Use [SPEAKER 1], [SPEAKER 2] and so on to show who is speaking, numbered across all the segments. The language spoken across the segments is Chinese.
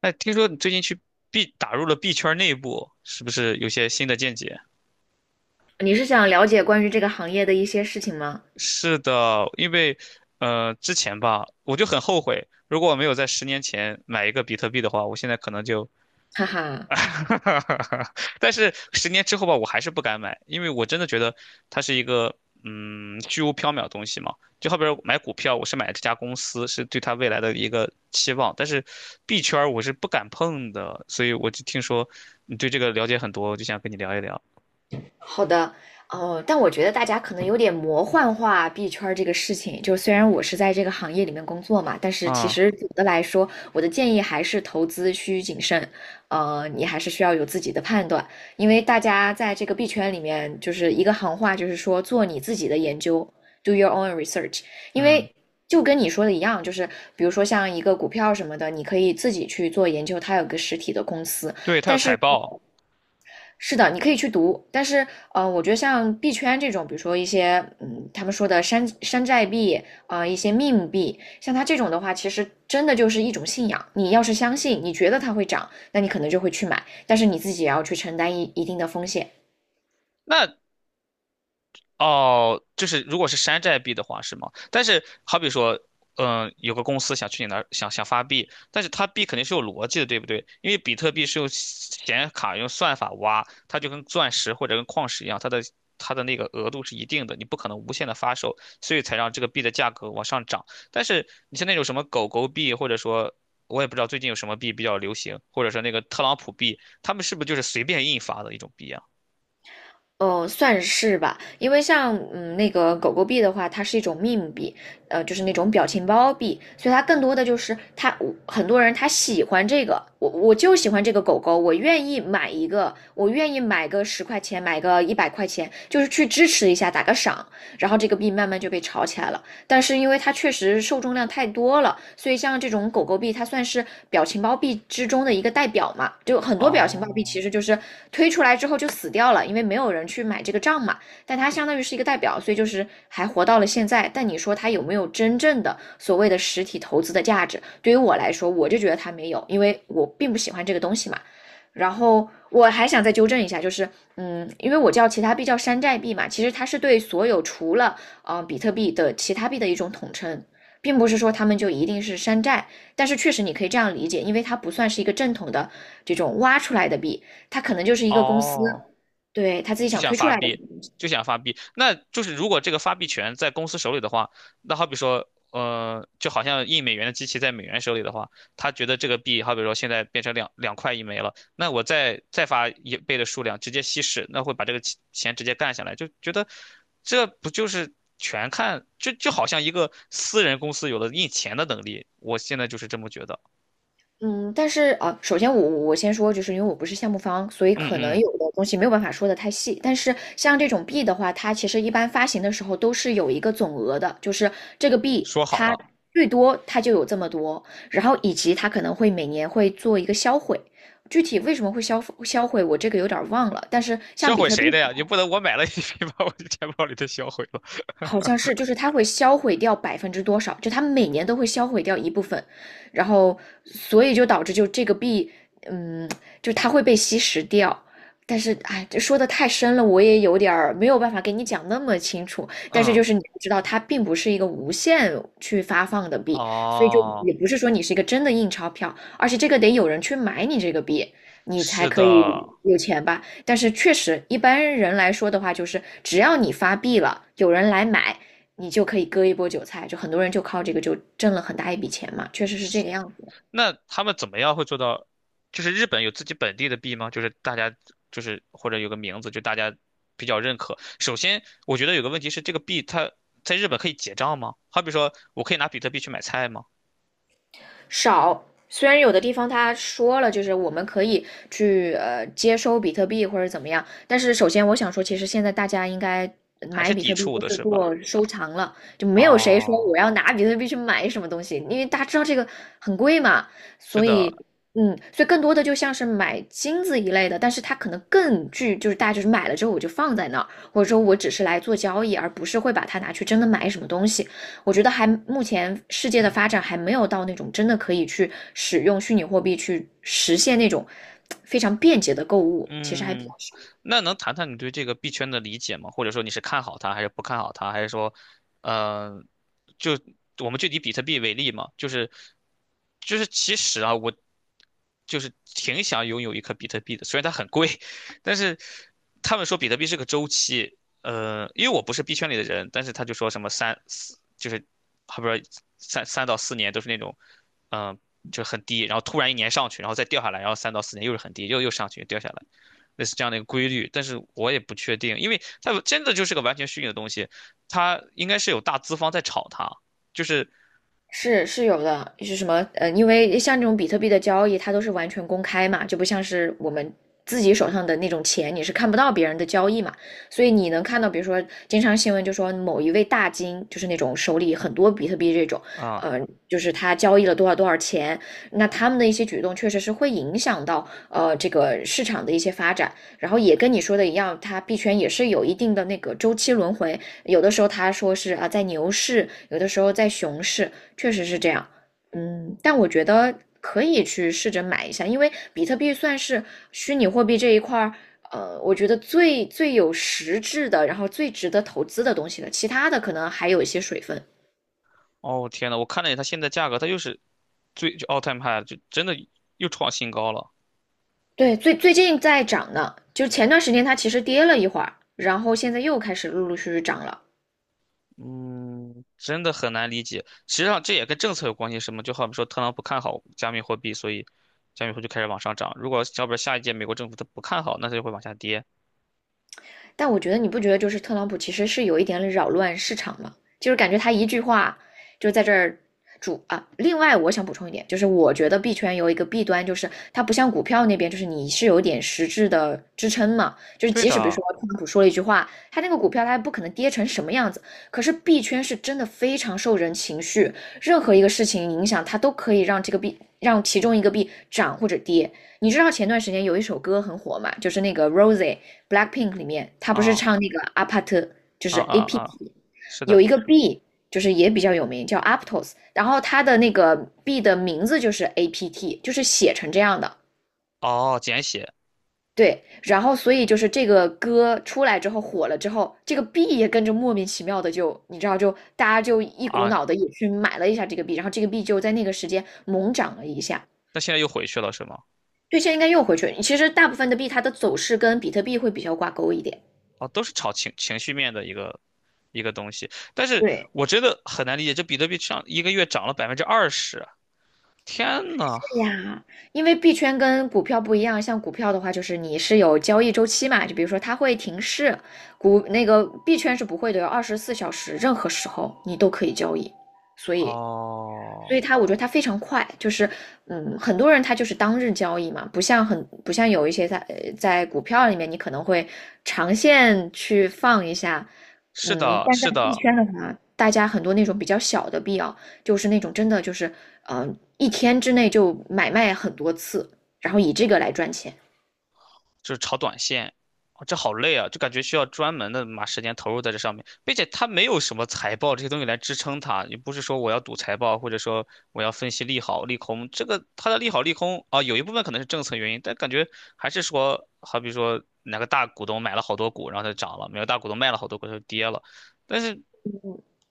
[SPEAKER 1] 哎，听说你最近去 B 打入了 B 圈内部，是不是有些新的见解？
[SPEAKER 2] 你是想了解关于这个行业的一些事情吗？
[SPEAKER 1] 是的，因为之前吧，我就很后悔，如果我没有在十年前买一个比特币的话，我现在可能就，
[SPEAKER 2] 哈哈。
[SPEAKER 1] 但是10年之后吧，我还是不敢买，因为我真的觉得它是一个虚无缥缈的东西嘛。就好比说买股票，我是买这家公司，是对它未来的一个期望，但是币圈儿我是不敢碰的，所以我就听说你对这个了解很多，我就想跟你聊一聊。
[SPEAKER 2] 好的，哦，但我觉得大家可能有点魔幻化币圈儿这个事情。就是虽然我是在这个行业里面工作嘛，但是其
[SPEAKER 1] 啊，
[SPEAKER 2] 实总的来说，我的建议还是投资需谨慎。你还是需要有自己的判断，因为大家在这个币圈里面，就是一个行话，就是说做你自己的研究，do your own research。因
[SPEAKER 1] 嗯，
[SPEAKER 2] 为就跟你说的一样，就是比如说像一个股票什么的，你可以自己去做研究，它有个实体的公司，
[SPEAKER 1] 对，他有
[SPEAKER 2] 但
[SPEAKER 1] 财
[SPEAKER 2] 是
[SPEAKER 1] 报。
[SPEAKER 2] 是的，你可以去读。但是我觉得像币圈这种，比如说一些他们说的山寨币一些 meme 币，像它这种的话，其实真的就是一种信仰。你要是相信，你觉得它会涨，那你可能就会去买，但是你自己也要去承担一定的风险。
[SPEAKER 1] 那哦，就是如果是山寨币的话是吗？但是好比说，有个公司想去你那儿想发币，但是它币肯定是有逻辑的，对不对？因为比特币是用显卡用算法挖，它就跟钻石或者跟矿石一样，它的那个额度是一定的，你不可能无限的发售，所以才让这个币的价格往上涨。但是你像那种什么狗狗币，或者说我也不知道最近有什么币比较流行，或者说那个特朗普币，他们是不是就是随便印发的一种币啊？
[SPEAKER 2] 算是吧，因为像那个狗狗币的话，它是一种 meme 币，就是那种表情包币，所以它更多的就是它我很多人他喜欢这个，我就喜欢这个狗狗，我愿意买一个，我愿意买个10块钱，买个100块钱，就是去支持一下，打个赏，然后这个币慢慢就被炒起来了。但是因为它确实受众量太多了，所以像这种狗狗币，它算是表情包币之中的一个代表嘛。就很多表情包币
[SPEAKER 1] 哦
[SPEAKER 2] 其实就是推出来之后就死掉了，因为没有人去买这个账嘛。但它相当于是一个代表，所以就是还活到了现在。但你说它有没有真正的所谓的实体投资的价值？对于我来说，我就觉得它没有，因为我并不喜欢这个东西嘛。然后我还想再纠正一下，就是，因为我叫其他币叫山寨币嘛，其实它是对所有除了比特币的其他币的一种统称，并不是说他们就一定是山寨，但是确实你可以这样理解，因为它不算是一个正统的这种挖出来的币，它可能就是一个公司
[SPEAKER 1] 哦。
[SPEAKER 2] 对他自己
[SPEAKER 1] 就
[SPEAKER 2] 想
[SPEAKER 1] 想
[SPEAKER 2] 推出
[SPEAKER 1] 发
[SPEAKER 2] 来的。
[SPEAKER 1] 币，就想发币。那就是如果这个发币权在公司手里的话，那好比说，就好像印美元的机器在美元手里的话，他觉得这个币，好比说现在变成两块一枚了，那我再发一倍的数量，直接稀释，那会把这个钱直接干下来，就觉得这不就是全看，就好像一个私人公司有了印钱的能力，我现在就是这么觉得。
[SPEAKER 2] 嗯，但是啊，首先我先说，就是因为我不是项目方，所以
[SPEAKER 1] 嗯嗯
[SPEAKER 2] 可能
[SPEAKER 1] 嗯，
[SPEAKER 2] 有的东西没有办法说的太细。但是像这种币的话，它其实一般发行的时候都是有一个总额的，就是这个币
[SPEAKER 1] 说好
[SPEAKER 2] 它
[SPEAKER 1] 了。
[SPEAKER 2] 最多它就有这么多，然后以及它可能会每年会做一个销毁。具体为什么会销毁，我这个有点儿忘了。但是像
[SPEAKER 1] 销
[SPEAKER 2] 比
[SPEAKER 1] 毁
[SPEAKER 2] 特币
[SPEAKER 1] 谁的呀？你不能我买了一批，把我的钱包里的销毁了。
[SPEAKER 2] 好像是，就是它会销毁掉百分之多少，就它每年都会销毁掉一部分，然后所以就导致就这个币，嗯，就它会被吸食掉。但是，哎，这说的太深了，我也有点儿没有办法给你讲那么清楚。但是就
[SPEAKER 1] 嗯，
[SPEAKER 2] 是你要知道，它并不是一个无限去发放的币，所以就
[SPEAKER 1] 哦，
[SPEAKER 2] 也不是说你是一个真的印钞票，而且这个得有人去买你这个币，你才
[SPEAKER 1] 是的，
[SPEAKER 2] 可以有钱吧。但是确实，一般人来说的话，就是只要你发币了，有人来买，你就可以割一波韭菜，就很多人就靠这个就挣了很大一笔钱嘛，确实是这个样子。
[SPEAKER 1] 那他们怎么样会做到？就是日本有自己本地的币吗？就是大家就是或者有个名字，就大家比较认可。首先，我觉得有个问题是，这个币它在日本可以结账吗？好比说，我可以拿比特币去买菜吗？
[SPEAKER 2] 少。虽然有的地方他说了，就是我们可以去接收比特币或者怎么样，但是首先我想说，其实现在大家应该
[SPEAKER 1] 还
[SPEAKER 2] 买
[SPEAKER 1] 是
[SPEAKER 2] 比
[SPEAKER 1] 抵
[SPEAKER 2] 特币
[SPEAKER 1] 触
[SPEAKER 2] 都
[SPEAKER 1] 的，
[SPEAKER 2] 是
[SPEAKER 1] 是吧？
[SPEAKER 2] 做收藏了，就没有谁说我
[SPEAKER 1] 哦，
[SPEAKER 2] 要拿比特币去买什么东西，因为大家知道这个很贵嘛，
[SPEAKER 1] 是
[SPEAKER 2] 所以。
[SPEAKER 1] 的，
[SPEAKER 2] 嗯，所以更多的就像是买金子一类的，但是它可能更具，就是大家就是买了之后我就放在那儿，或者说我只是来做交易，而不是会把它拿去真的买什么东西。我觉得还目前世界的发展还没有到那种真的可以去使用虚拟货币去实现那种非常便捷的购物，其实还比较
[SPEAKER 1] 嗯，那能谈谈你对这个币圈的理解吗？或者说你是看好它，还是不看好它，还是说，呃，就我们就以比特币为例嘛，就是其实啊，我就是挺想拥有一颗比特币的，虽然它很贵，但是他们说比特币是个周期，因为我不是币圈里的人，但是他就说什么三四，就是还不是三到四年都是那种，嗯、就很低，然后突然一年上去，然后再掉下来，然后三到四年又是很低，又上去，又掉下来。类似这样的一个规律，但是我也不确定，因为它真的就是个完全虚拟的东西，它应该是有大资方在炒它，就是
[SPEAKER 2] 是有的。是什么？因为像这种比特币的交易，它都是完全公开嘛，就不像是我们自己手上的那种钱，你是看不到别人的交易嘛。所以你能看到，比如说，经常新闻就说某一位大金，就是那种手里很多比特币这种，
[SPEAKER 1] 啊，
[SPEAKER 2] 呃，就是他交易了多少多少钱，那他们的一些举动确实是会影响到这个市场的一些发展。然后也跟你说的一样，它币圈也是有一定的那个周期轮回，有的时候他说是啊在牛市，有的时候在熊市。确实是这样。但我觉得可以去试着买一下，因为比特币算是虚拟货币这一块儿，我觉得最有实质的，然后最值得投资的东西了。其他的可能还有一些水分。
[SPEAKER 1] 哦天呐，我看了一眼它现在价格，它又是最就 all time high，就真的又创新高了，
[SPEAKER 2] 对，最近在涨呢，就前段时间它其实跌了一会儿，然后现在又开始陆陆续续涨了。
[SPEAKER 1] 嗯，真的很难理解。实际上这也跟政策有关系，什么就好比说特朗普看好加密货币，所以加密货币就开始往上涨。如果要不然下一届美国政府他不看好，那它就会往下跌。
[SPEAKER 2] 但我觉得你不觉得就是特朗普其实是有一点扰乱市场吗？就是感觉他一句话就在这儿主啊。另外，我想补充一点，就是我觉得币圈有一个弊端，就是它不像股票那边，就是你是有点实质的支撑嘛。就是
[SPEAKER 1] 对
[SPEAKER 2] 即使比如
[SPEAKER 1] 的，
[SPEAKER 2] 说特朗普说了一句话，他那个股票它不可能跌成什么样子。可是币圈是真的非常受人情绪，任何一个事情影响它都可以让这个币让其中一个币涨或者跌。你知道前段时间有一首歌很火嘛，就是那个 Rosie，Blackpink 里面，他不是
[SPEAKER 1] 啊
[SPEAKER 2] 唱那个阿帕特，就
[SPEAKER 1] 啊
[SPEAKER 2] 是
[SPEAKER 1] 啊啊，
[SPEAKER 2] APT，
[SPEAKER 1] 是
[SPEAKER 2] 有
[SPEAKER 1] 的，
[SPEAKER 2] 一个 B，就是也比较有名，叫 Aptos，然后它的那个 B 的名字就是 APT，就是写成这样的。
[SPEAKER 1] 哦，简写。
[SPEAKER 2] 对，然后所以就是这个歌出来之后火了之后，这个币也跟着莫名其妙的就，你知道就大家就一股
[SPEAKER 1] 啊，
[SPEAKER 2] 脑的也去买了一下这个币，然后这个币就在那个时间猛涨了一下。
[SPEAKER 1] 但现在又回去了，是吗？
[SPEAKER 2] 对，现在应该又回去了。其实大部分的币它的走势跟比特币会比较挂钩一点。
[SPEAKER 1] 哦，都是炒情绪面的一个东西，但是
[SPEAKER 2] 对，
[SPEAKER 1] 我真的很难理解，这比特币上一个月涨了20%啊，天呐！
[SPEAKER 2] 对呀，因为币圈跟股票不一样，像股票的话，就是你是有交易周期嘛，就比如说它会停市，股那个币圈是不会的，有24小时，任何时候你都可以交易，所以所以
[SPEAKER 1] 哦，
[SPEAKER 2] 它，我觉得它非常快，就是。很多人他就是当日交易嘛，不像不像有一些在在股票里面，你可能会长线去放一下。
[SPEAKER 1] 是的，
[SPEAKER 2] 但在
[SPEAKER 1] 是
[SPEAKER 2] 币
[SPEAKER 1] 的，
[SPEAKER 2] 圈的话，大家很多那种比较小的币啊，就是那种真的就是。一天之内就买卖很多次，然后以这个来赚钱，
[SPEAKER 1] 就是炒短线，哦这好累啊，就感觉需要专门的把时间投入在这上面，并且它没有什么财报这些东西来支撑它，也不是说我要赌财报，或者说我要分析利好利空，这个它的利好利空啊，有一部分可能是政策原因，但感觉还是说，好比说哪个大股东买了好多股，然后它就涨了，哪个大股东卖了好多股，它就跌了，但是。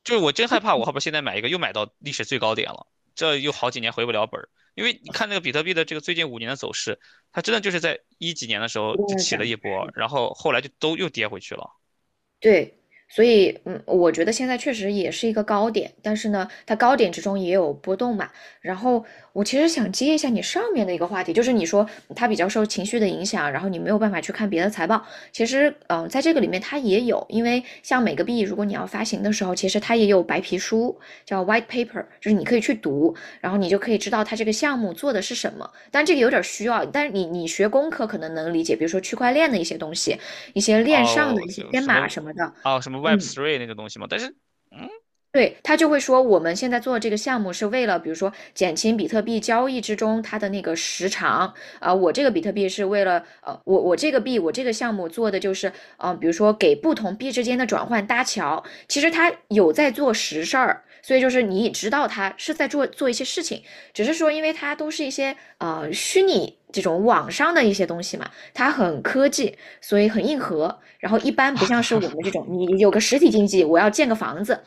[SPEAKER 1] 就是我真害怕，我后边现在买一个又买到历史最高点了，这又好几年回不了本儿。因为你看那个比特币的这个最近5年的走势，它真的就是在一几年的时候
[SPEAKER 2] 不断
[SPEAKER 1] 就
[SPEAKER 2] 的
[SPEAKER 1] 起了
[SPEAKER 2] 涨，
[SPEAKER 1] 一波，
[SPEAKER 2] 是
[SPEAKER 1] 然后后来就都又跌回去了。
[SPEAKER 2] 对，所以。嗯，我觉得现在确实也是一个高点，但是呢，它高点之中也有波动嘛。然后我其实想接一下你上面的一个话题，就是你说它比较受情绪的影响，然后你没有办法去看别的财报。其实在这个里面它也有，因为像每个币如果你要发行的时候，其实它也有白皮书，叫 white paper，就是你可以去读，然后你就可以知道它这个项目做的是什么。但这个有点需要，但是你学工科可能能理解，比如说区块链的一些东西，一些链上的
[SPEAKER 1] 哦，
[SPEAKER 2] 一些
[SPEAKER 1] 就
[SPEAKER 2] 编
[SPEAKER 1] 什
[SPEAKER 2] 码
[SPEAKER 1] 么
[SPEAKER 2] 什么的。
[SPEAKER 1] 哦什么 Web
[SPEAKER 2] 嗯，
[SPEAKER 1] Three 那种东西嘛，但是嗯
[SPEAKER 2] 对，他就会说，我们现在做的这个项目是为了，比如说减轻比特币交易之中它的那个时长我这个比特币是为了我这个币我这个项目做的就是，比如说给不同币之间的转换搭桥，其实他有在做实事儿，所以就是你知道他是在做一些事情，只是说因为它都是一些虚拟这种网上的一些东西嘛，它很科技，所以很硬核，然后一般不像是我们这种，你有个实体经济，我要建个房子。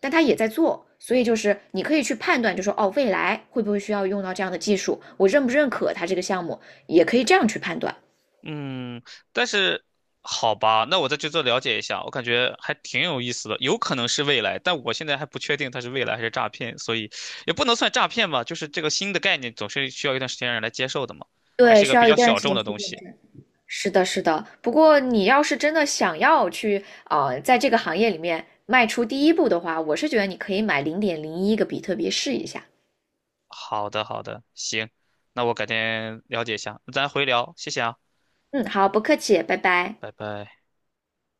[SPEAKER 2] 但他也在做，所以就是你可以去判断，就说哦，未来会不会需要用到这样的技术，我认不认可它这个项目，也可以这样去判断。
[SPEAKER 1] 嗯，但是好吧，那我再去做了解一下，我感觉还挺有意思的，有可能是未来，但我现在还不确定它是未来还是诈骗，所以也不能算诈骗吧，就是这个新的概念总是需要一段时间让人来接受的嘛，还
[SPEAKER 2] 对，
[SPEAKER 1] 是一个
[SPEAKER 2] 需
[SPEAKER 1] 比
[SPEAKER 2] 要一
[SPEAKER 1] 较
[SPEAKER 2] 段
[SPEAKER 1] 小
[SPEAKER 2] 时
[SPEAKER 1] 众
[SPEAKER 2] 间
[SPEAKER 1] 的
[SPEAKER 2] 去
[SPEAKER 1] 东
[SPEAKER 2] 验
[SPEAKER 1] 西。
[SPEAKER 2] 证。是的，是的。不过你要是真的想要去在这个行业里面迈出第一步的话，我是觉得你可以买0.01个比特币试一下。
[SPEAKER 1] 好的好的，行，那我改天了解一下，咱回聊，谢谢啊，
[SPEAKER 2] 嗯，好，不客气，拜拜。
[SPEAKER 1] 拜拜。